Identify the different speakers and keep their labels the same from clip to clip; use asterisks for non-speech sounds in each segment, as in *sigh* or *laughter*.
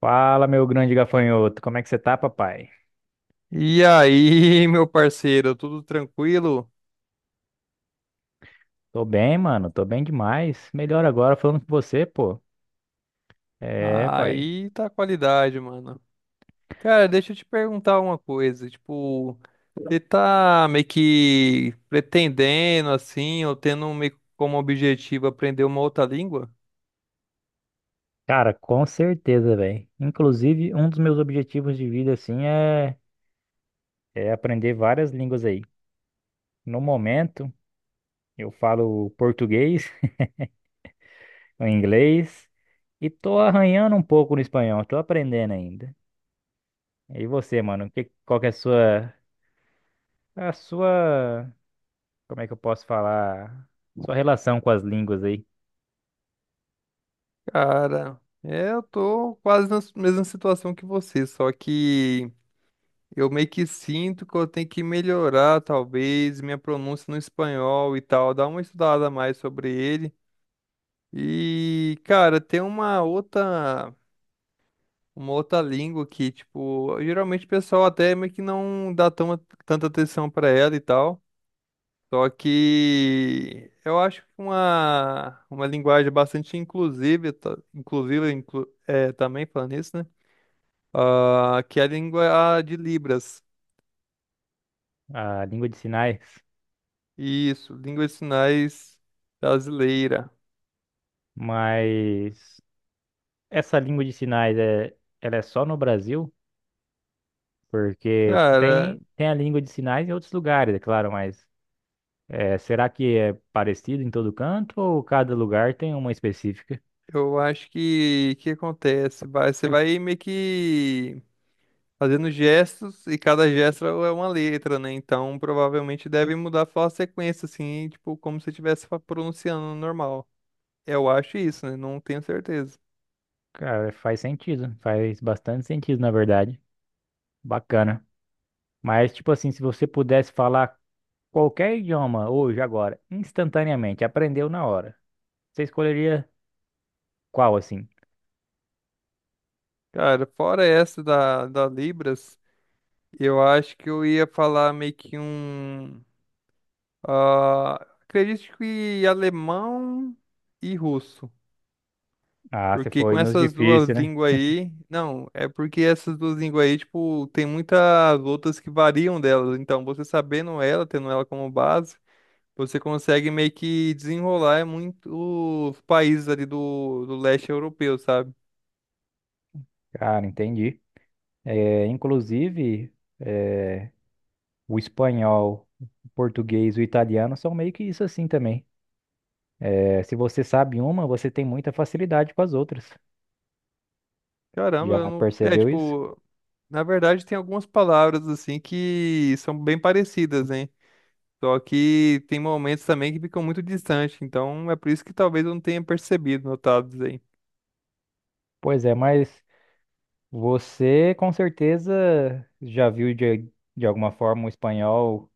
Speaker 1: Fala, meu grande gafanhoto, como é que você tá, papai?
Speaker 2: E aí, *laughs* meu parceiro, tudo tranquilo?
Speaker 1: Tô bem, mano, tô bem demais. Melhor agora falando com você, pô. É, pai.
Speaker 2: Aí tá a qualidade, mano. Cara, deixa eu te perguntar uma coisa, tipo, você tá meio que pretendendo assim, ou tendo meio que como objetivo aprender uma outra língua?
Speaker 1: Cara, com certeza, velho. Inclusive, um dos meus objetivos de vida, assim, é aprender várias línguas aí. No momento, eu falo português, *laughs* o inglês e tô arranhando um pouco no espanhol, tô aprendendo ainda. E você, mano, qual que é a sua, como é que eu posso falar? Sua relação com as línguas aí?
Speaker 2: Cara, é, eu tô quase na mesma situação que você, só que eu meio que sinto que eu tenho que melhorar, talvez, minha pronúncia no espanhol e tal, dar uma estudada a mais sobre ele. E, cara, tem uma outra língua que, tipo, geralmente o pessoal até meio que não dá tão, tanta atenção pra ela e tal. Só que eu acho que uma linguagem bastante inclusiva, é, também falando isso, né? Ah, que é a língua de Libras.
Speaker 1: A língua de sinais,
Speaker 2: Isso, língua de sinais brasileira.
Speaker 1: mas essa língua de sinais é, ela é só no Brasil? Porque tipo,
Speaker 2: Cara,
Speaker 1: tem a língua de sinais em outros lugares, é claro, mas é, será que é parecido em todo canto ou cada lugar tem uma específica?
Speaker 2: eu acho que acontece? Vai, você vai meio que fazendo gestos e cada gesto é uma letra, né? Então provavelmente deve mudar só a sequência, assim, tipo, como se estivesse pronunciando normal. Eu acho isso, né? Não tenho certeza.
Speaker 1: Cara, faz sentido, faz bastante sentido, na verdade. Bacana. Mas, tipo assim, se você pudesse falar qualquer idioma hoje, agora, instantaneamente, aprendeu na hora, você escolheria qual, assim?
Speaker 2: Cara, fora essa da, da Libras, eu acho que eu ia falar meio que um. ah, Acredito que alemão e russo.
Speaker 1: Ah, você
Speaker 2: Porque com
Speaker 1: foi nos
Speaker 2: essas duas
Speaker 1: difíceis, né?
Speaker 2: línguas aí. Não, é porque essas duas línguas aí, tipo, tem muitas outras que variam delas. Então, você sabendo ela, tendo ela como base, você consegue meio que desenrolar muitos países ali do, do leste europeu, sabe?
Speaker 1: Cara, entendi. Inclusive, é, o espanhol, o português, o italiano são meio que isso assim também. É, se você sabe uma, você tem muita facilidade com as outras.
Speaker 2: Caramba, eu
Speaker 1: Já
Speaker 2: não. É,
Speaker 1: percebeu isso?
Speaker 2: tipo. Na verdade, tem algumas palavras assim que são bem parecidas, hein? Só que tem momentos também que ficam muito distantes. Então, é por isso que talvez eu não tenha percebido, notado.
Speaker 1: Pois é, mas você com certeza já viu de alguma forma o espanhol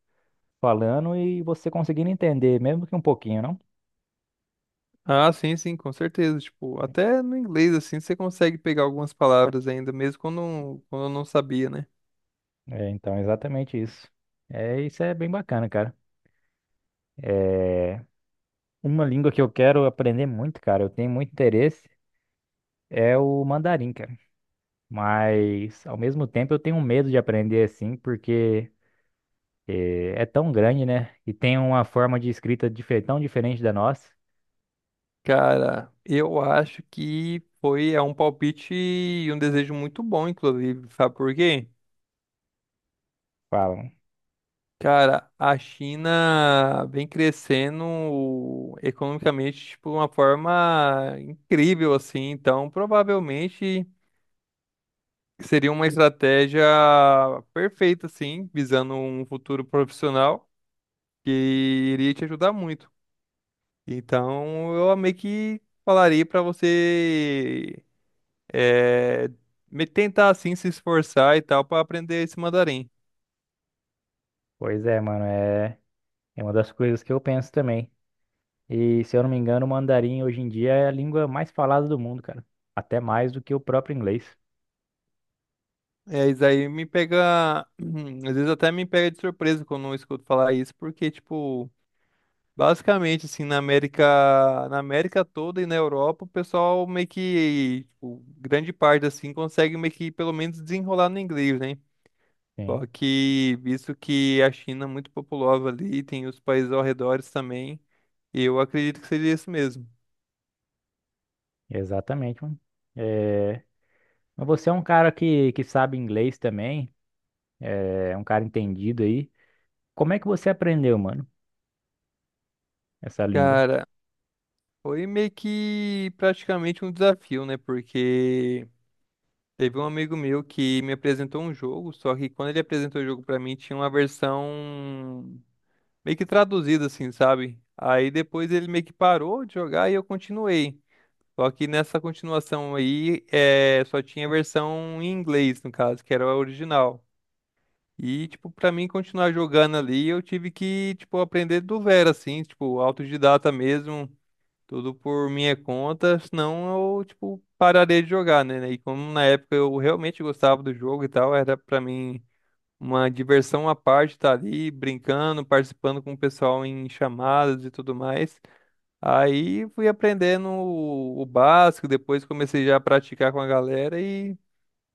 Speaker 1: falando e você conseguindo entender, mesmo que um pouquinho, não?
Speaker 2: Ah, sim, sim, com certeza. Tipo, até no inglês, assim, você consegue pegar algumas palavras ainda, mesmo quando, quando eu não sabia, né?
Speaker 1: É, então, exatamente isso. É, isso é bem bacana, cara. É uma língua que eu quero aprender muito, cara. Eu tenho muito interesse. É o mandarim, cara. Mas ao mesmo tempo eu tenho medo de aprender assim, porque tão grande, né? E tem uma forma de escrita tão diferente da nossa.
Speaker 2: Cara, eu acho que foi é um palpite e um desejo muito bom, inclusive. Sabe por quê?
Speaker 1: Falam.
Speaker 2: Cara, a China vem crescendo economicamente, tipo, de uma forma incrível, assim. Então, provavelmente seria uma estratégia perfeita, assim, visando um futuro profissional, que iria te ajudar muito. Então, eu meio que falaria para você é, me tentar assim se esforçar e tal para aprender esse mandarim.
Speaker 1: Pois é, mano, é uma das coisas que eu penso também. E se eu não me engano, o mandarim hoje em dia é a língua mais falada do mundo, cara. Até mais do que o próprio inglês.
Speaker 2: É, isso aí me pega, *clears throat* às vezes até me pega de surpresa quando eu escuto falar isso, porque tipo, basicamente assim, na América toda e na Europa, o pessoal meio que, tipo, grande parte assim consegue meio que pelo menos desenrolar no inglês, né?
Speaker 1: Sim,
Speaker 2: Só que, visto que a China é muito populosa ali, tem os países ao redor também, eu acredito que seria isso mesmo.
Speaker 1: exatamente, mano. Eh, Mas você é um cara que sabe inglês também, é um cara entendido aí. Como é que você aprendeu, mano, essa língua?
Speaker 2: Cara, foi meio que praticamente um desafio, né? Porque teve um amigo meu que me apresentou um jogo, só que quando ele apresentou o jogo pra mim, tinha uma versão meio que traduzida, assim, sabe? Aí depois ele meio que parou de jogar e eu continuei. Só que nessa continuação aí, é, só tinha a versão em inglês, no caso, que era a original. E, tipo, pra mim continuar jogando ali, eu tive que, tipo, aprender do zero, assim, tipo, autodidata mesmo, tudo por minha conta, senão eu, tipo, pararia de jogar, né? E como na época eu realmente gostava do jogo e tal, era pra mim uma diversão à parte estar ali brincando, participando com o pessoal em chamadas e tudo mais. Aí fui aprendendo o básico, depois comecei já a praticar com a galera e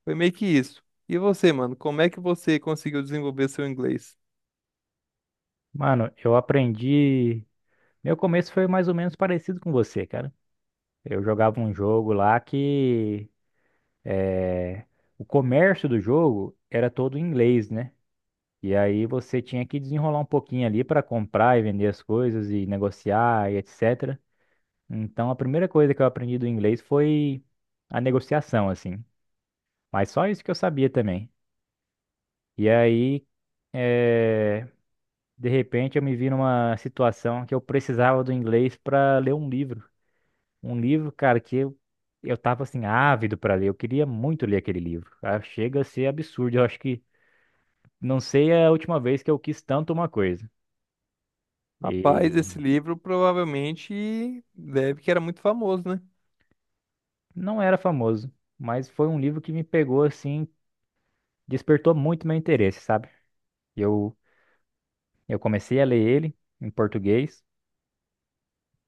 Speaker 2: foi meio que isso. E você, mano, como é que você conseguiu desenvolver seu inglês?
Speaker 1: Mano, eu aprendi. Meu começo foi mais ou menos parecido com você, cara. Eu jogava um jogo lá que eh, o comércio do jogo era todo em inglês, né? E aí você tinha que desenrolar um pouquinho ali para comprar e vender as coisas e negociar e etc. Então a primeira coisa que eu aprendi do inglês foi a negociação, assim. Mas só isso que eu sabia também. E aí, eh, de repente, eu me vi numa situação que eu precisava do inglês para ler um livro. Um livro, cara, eu tava assim, ávido pra ler. Eu queria muito ler aquele livro. Ah, chega a ser absurdo. Eu acho que não sei é a última vez que eu quis tanto uma coisa.
Speaker 2: Rapaz,
Speaker 1: E
Speaker 2: esse livro provavelmente deve que era muito famoso, né?
Speaker 1: não era famoso, mas foi um livro que me pegou assim, despertou muito meu interesse, sabe? Eu, eu comecei a ler ele em português,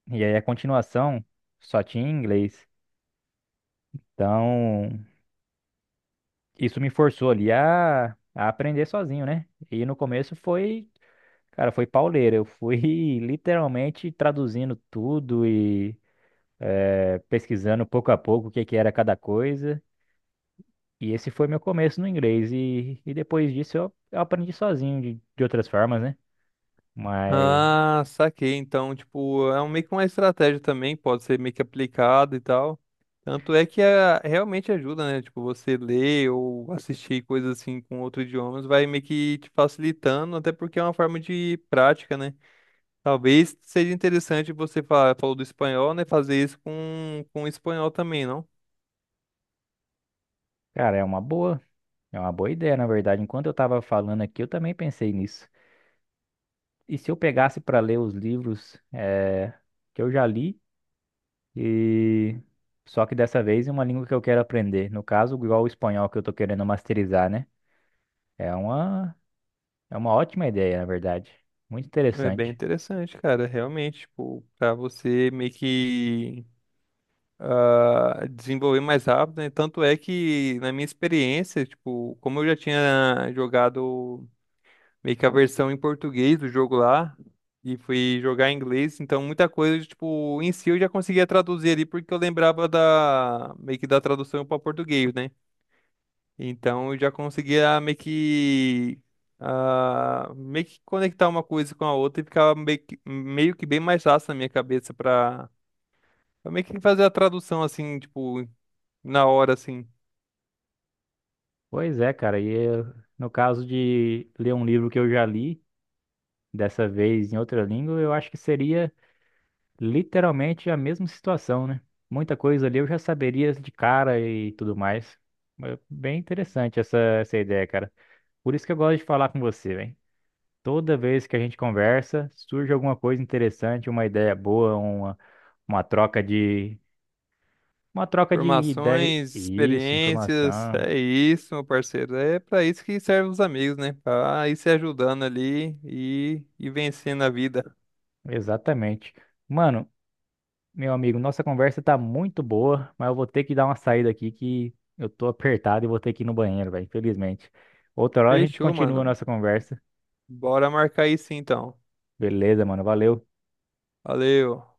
Speaker 1: e aí a continuação só tinha em inglês. Então, isso me forçou ali a aprender sozinho, né? E no começo foi. Cara, foi pauleira. Eu fui *laughs* literalmente traduzindo tudo e pesquisando pouco a pouco o que que era cada coisa. E esse foi meu começo no inglês. E depois disso eu aprendi sozinho de outras formas, né? Mas,
Speaker 2: Ah, saquei. Então, tipo, é meio que uma estratégia também, pode ser meio que aplicado e tal. Tanto é que ah, realmente ajuda, né? Tipo, você ler ou assistir coisas assim com outros idiomas vai meio que te facilitando, até porque é uma forma de prática, né? Talvez seja interessante você falar, falou do espanhol, né? Fazer isso com o espanhol também, não?
Speaker 1: cara, é uma boa. É uma boa ideia, na verdade. Enquanto eu tava falando aqui, eu também pensei nisso. E se eu pegasse para ler os livros que eu já li, e só que dessa vez em uma língua que eu quero aprender. No caso, igual o espanhol que eu tô querendo masterizar, né? É uma É uma ótima ideia, na verdade. Muito
Speaker 2: É bem
Speaker 1: interessante.
Speaker 2: interessante, cara. Realmente, tipo, pra você meio que ah, desenvolver mais rápido, né? Tanto é que, na minha experiência, tipo, como eu já tinha jogado meio que a versão em português do jogo lá, e fui jogar em inglês, então muita coisa, tipo, em si eu já conseguia traduzir ali, porque eu lembrava da, meio que da tradução para português, né? Então eu já conseguia meio que ah, meio que conectar uma coisa com a outra e ficava meio que bem mais fácil na minha cabeça pra meio que fazer a tradução assim, tipo, na hora assim.
Speaker 1: Pois é, cara. E eu- no caso de ler um livro que eu já li, dessa vez em outra língua, eu acho que seria literalmente a mesma situação, né? Muita coisa ali eu já saberia de cara e tudo mais. Mas bem interessante essa ideia, cara. Por isso que eu gosto de falar com você, velho. Toda vez que a gente conversa, surge alguma coisa interessante, uma ideia boa, uma troca de. Uma troca de ideia.
Speaker 2: Formações,
Speaker 1: Isso,
Speaker 2: experiências,
Speaker 1: informação.
Speaker 2: é isso, meu parceiro. É pra isso que servem os amigos, né? Pra ir se ajudando ali e vencendo a vida.
Speaker 1: Exatamente. Mano, meu amigo, nossa conversa tá muito boa, mas eu vou ter que dar uma saída aqui que eu tô apertado e vou ter que ir no banheiro, velho, infelizmente. Outra hora a gente
Speaker 2: Fechou,
Speaker 1: continua a
Speaker 2: mano.
Speaker 1: nossa conversa.
Speaker 2: Bora marcar isso então.
Speaker 1: Beleza, mano, valeu.
Speaker 2: Valeu.